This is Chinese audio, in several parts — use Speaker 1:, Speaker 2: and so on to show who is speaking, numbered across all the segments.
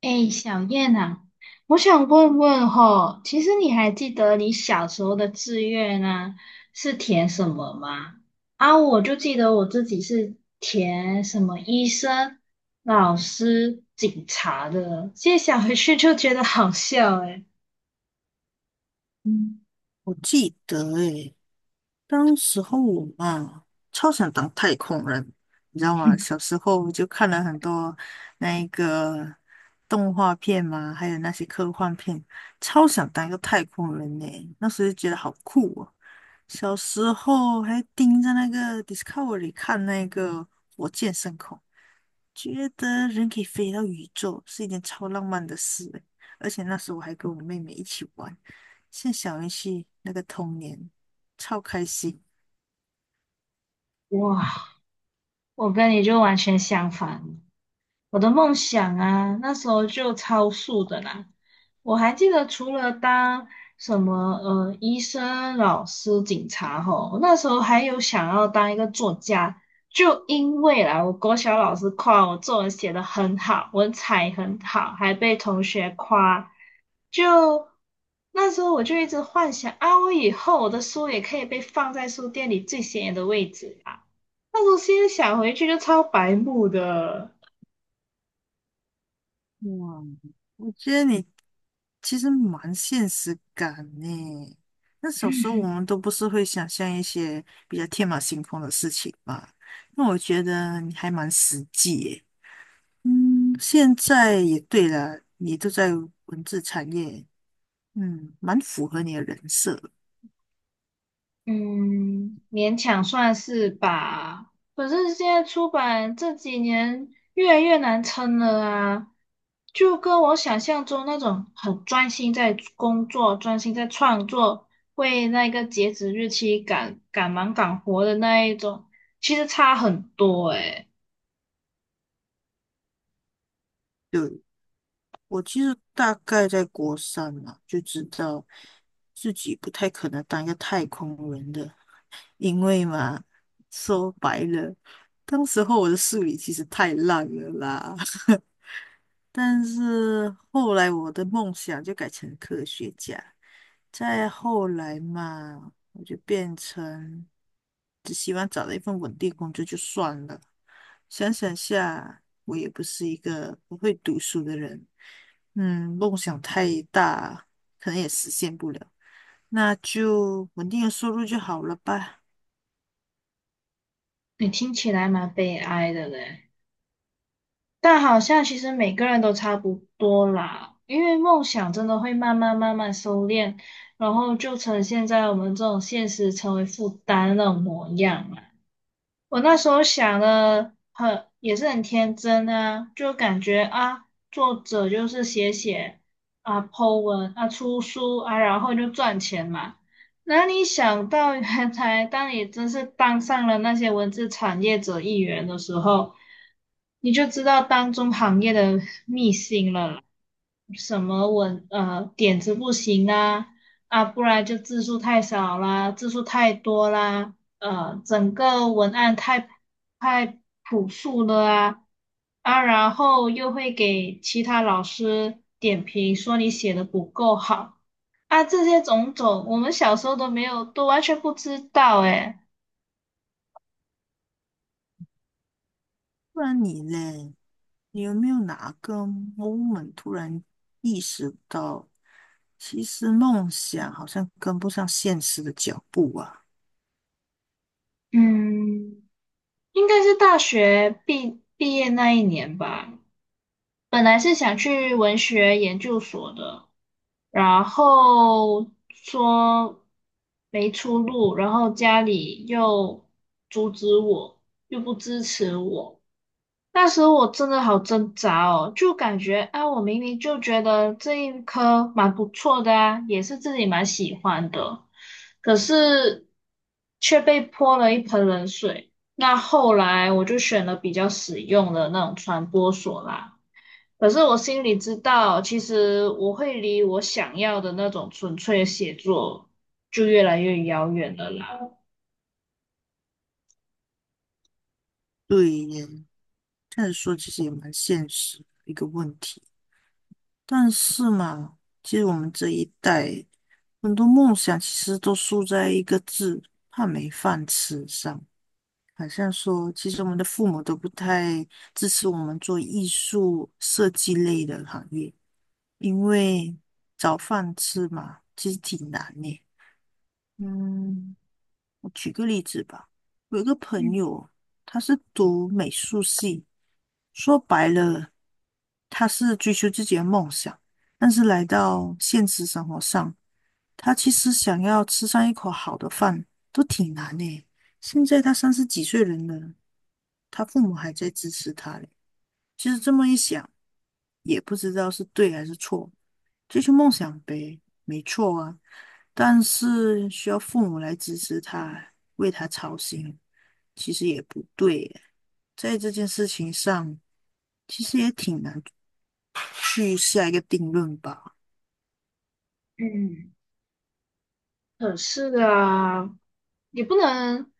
Speaker 1: 哎，小燕啊，我想问问吼，其实你还记得你小时候的志愿啊，是填什么吗？啊，我就记得我自己是填什么医生、老师、警察的，现在想回去就觉得好笑哎。
Speaker 2: 嗯，我记得诶，当时候我嘛，超想当太空人，你知道吗？小时候就看了很多那一个动画片嘛，还有那些科幻片，超想当一个太空人呢。那时候就觉得好酷哦。小时候还盯着那个 Discovery 看那个火箭升空，觉得人可以飞到宇宙是一件超浪漫的事欸。而且那时候我还跟我妹妹一起玩，像小游戏那个童年，超开心。
Speaker 1: 哇，我跟你就完全相反。我的梦想啊，那时候就超速的啦。我还记得，除了当什么医生、老师、警察吼，我那时候还有想要当一个作家，就因为啦，我国小老师夸我作文写得很好，文采很好，还被同学夸。就那时候我就一直幻想啊，我以后我的书也可以被放在书店里最显眼的位置啊。那时候现在想回去就超白目的。
Speaker 2: 哇，我觉得你其实蛮现实感呢。那小时候我们都不是会想象一些比较天马行空的事情嘛，那我觉得你还蛮实际耶。嗯，现在也对了，你都在文字产业，嗯，蛮符合你的人设。
Speaker 1: 嗯，勉强算是吧。可是现在出版这几年越来越难撑了啊，就跟我想象中那种很专心在工作、专心在创作，为那个截止日期赶赶忙赶活的那一种，其实差很多诶。
Speaker 2: 对。我其实大概在国三嘛，就知道自己不太可能当一个太空人的，因为嘛，说白了，当时候我的数理其实太烂了啦。但是后来我的梦想就改成科学家，再后来嘛，我就变成只希望找到一份稳定工作就算了。想想下，我也不是一个不会读书的人，嗯，梦想太大，可能也实现不了，那就稳定的收入就好了吧。
Speaker 1: 你听起来蛮悲哀的嘞。但好像其实每个人都差不多啦，因为梦想真的会慢慢慢慢收敛，然后就呈现在我们这种现实成为负担的那种模样啊。我那时候想的很，也是很天真啊，就感觉啊，作者就是写写啊，po 文啊，出书啊，然后就赚钱嘛。哪里想到，原来当你真是当上了那些文字产业者一员的时候，你就知道当中行业的秘辛了啦。什么文点子不行啊啊，不然就字数太少啦，字数太多啦。整个文案太朴素了啊啊，然后又会给其他老师点评，说你写的不够好啊，这些种种，我们小时候都没有，都完全不知道诶。
Speaker 2: 不然你嘞，你有没有哪个 moment 突然意识到？其实梦想好像跟不上现实的脚步啊。
Speaker 1: 嗯，应该是大学毕业那一年吧，本来是想去文学研究所的。然后说没出路，然后家里又阻止我，又不支持我。那时候我真的好挣扎哦，就感觉啊，我明明就觉得这一科蛮不错的啊，也是自己蛮喜欢的，可是却被泼了一盆冷水。那后来我就选了比较实用的那种传播所啦。可是我心里知道，其实我会离我想要的那种纯粹的写作就越来越遥远了啦。
Speaker 2: 对耶，这样说其实也蛮现实的一个问题。但是嘛，其实我们这一代很多梦想其实都输在一个字“怕没饭吃”上。好像说，其实我们的父母都不太支持我们做艺术设计类的行业，因为找饭吃嘛，其实挺难的。嗯，我举个例子吧，我有一个朋
Speaker 1: 嗯。
Speaker 2: 友，他是读美术系，说白了，他是追求自己的梦想，但是来到现实生活上，他其实想要吃上一口好的饭都挺难的。现在他三十几岁人了，他父母还在支持他嘞。其实这么一想，也不知道是对还是错，追求梦想呗，没错啊，但是需要父母来支持他，为他操心。其实也不对耶，在这件事情上，其实也挺难去下一个定论吧。
Speaker 1: 嗯。可是啊，也不能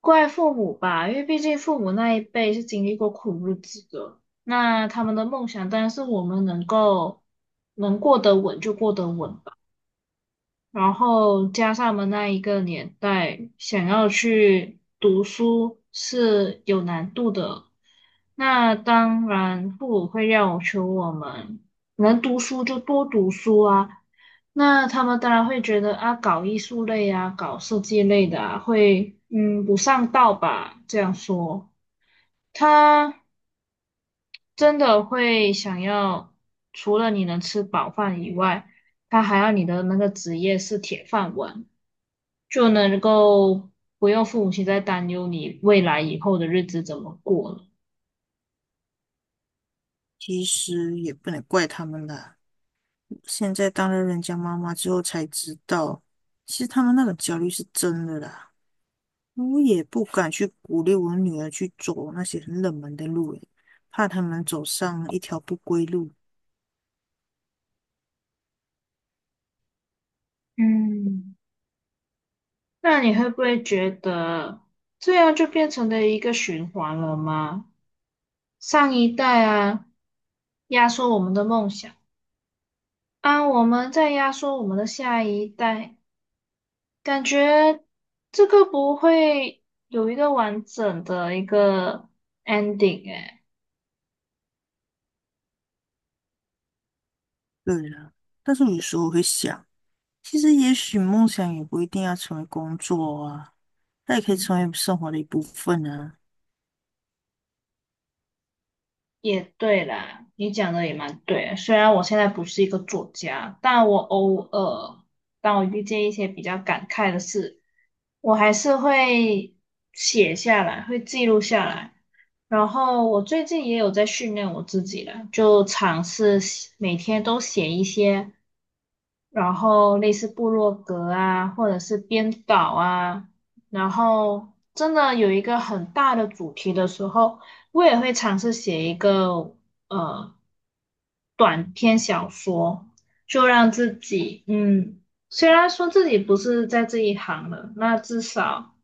Speaker 1: 怪父母吧，因为毕竟父母那一辈是经历过苦日子的，那他们的梦想当然是我们能够能过得稳就过得稳吧。然后加上我们那一个年代，想要去读书是有难度的。那当然，父母会要求我们能读书就多读书啊。那他们当然会觉得啊，搞艺术类啊，搞设计类的啊，会不上道吧？这样说，他真的会想要除了你能吃饱饭以外，他还要你的那个职业是铁饭碗。就能够不用父母亲在担忧你未来以后的日子怎么过了。
Speaker 2: 其实也不能怪他们啦，现在当了人家妈妈之后才知道，其实他们那种焦虑是真的啦。我也不敢去鼓励我女儿去走那些很冷门的路，诶，怕他们走上一条不归路。
Speaker 1: 嗯，那你会不会觉得这样就变成了一个循环了吗？上一代啊，压缩我们的梦想，啊，我们在压缩我们的下一代，感觉这个不会有一个完整的一个 ending 哎。
Speaker 2: 对啦，但是有时候我会想，其实也许梦想也不一定要成为工作啊，它也可以
Speaker 1: 嗯，
Speaker 2: 成为生活的一部分啊。
Speaker 1: 也对啦，你讲的也蛮对的，虽然我现在不是一个作家，但我偶尔当我遇见一些比较感慨的事，我还是会写下来，会记录下来。然后我最近也有在训练我自己了，就尝试写每天都写一些。然后类似部落格啊，或者是编导啊，然后真的有一个很大的主题的时候，我也会尝试写一个呃短篇小说，就让自己嗯，虽然说自己不是在这一行的，那至少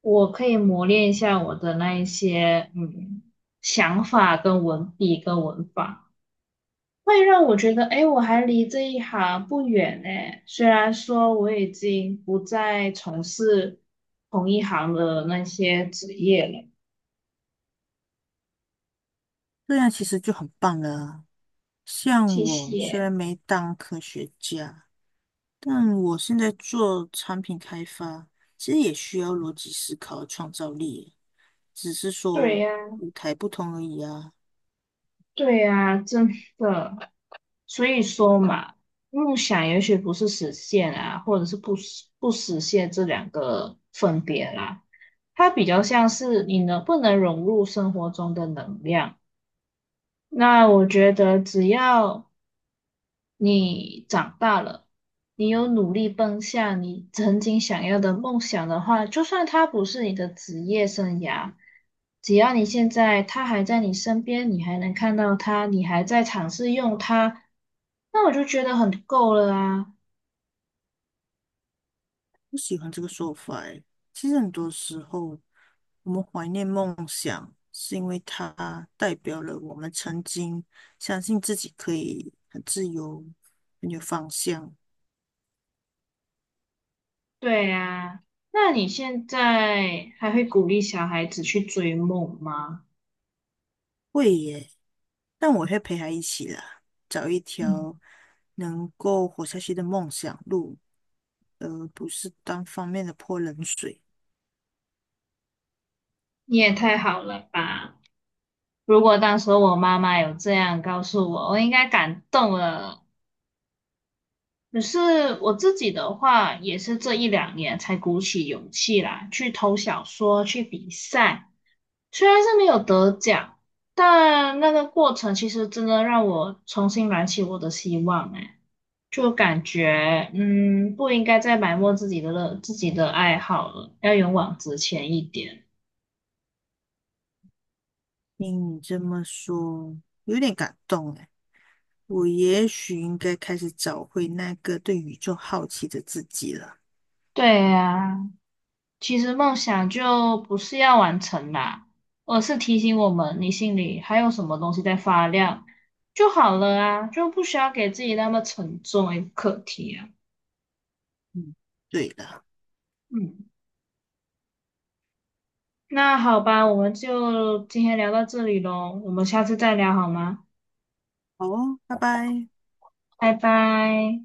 Speaker 1: 我可以磨练一下我的那一些想法跟文笔跟文法。会让我觉得，哎，我还离这一行不远呢。虽然说我已经不再从事同一行的那些职业了。
Speaker 2: 这样其实就很棒了啊。像
Speaker 1: 谢
Speaker 2: 我虽
Speaker 1: 谢。
Speaker 2: 然没当科学家，但我现在做产品开发，其实也需要逻辑思考和创造力，只是
Speaker 1: 对
Speaker 2: 说
Speaker 1: 呀，
Speaker 2: 舞台不同而已啊。
Speaker 1: 对呀，真的。所以说嘛，梦想也许不是实现啊，或者是不实现这两个分别啦。它比较像是你能不能融入生活中的能量。那我觉得只要你长大了，你有努力奔向你曾经想要的梦想的话，就算它不是你的职业生涯，只要你现在它还在你身边，你还能看到它，你还在尝试用它，那我就觉得很够了啊。
Speaker 2: 不喜欢这个说法欸。其实很多时候，我们怀念梦想，是因为它代表了我们曾经相信自己可以很自由、很有方向。
Speaker 1: 对啊，那你现在还会鼓励小孩子去追梦吗？
Speaker 2: 会耶。但我会陪他一起啦，找一
Speaker 1: 嗯，
Speaker 2: 条能够活下去的梦想路，而不是单方面的泼冷水。
Speaker 1: 你也太好了吧！如果当时我妈妈有这样告诉我，我应该感动了。可是我自己的话，也是这一两年才鼓起勇气来去投小说、去比赛。虽然是没有得奖，但那个过程其实真的让我重新燃起我的希望。哎，就感觉嗯，不应该再埋没自己的自己的爱好了，要勇往直前一点。
Speaker 2: 听你这么说，有点感动哎。我也许应该开始找回那个对宇宙好奇的自己了。
Speaker 1: 对呀、其实梦想就不是要完成啦，而是提醒我们你心里还有什么东西在发亮就好了啊，就不需要给自己那么沉重一个课题啊。
Speaker 2: 嗯，对了，
Speaker 1: 嗯，那好吧，我们就今天聊到这里喽，我们下次再聊好吗？
Speaker 2: 好哦，拜拜。
Speaker 1: 拜拜。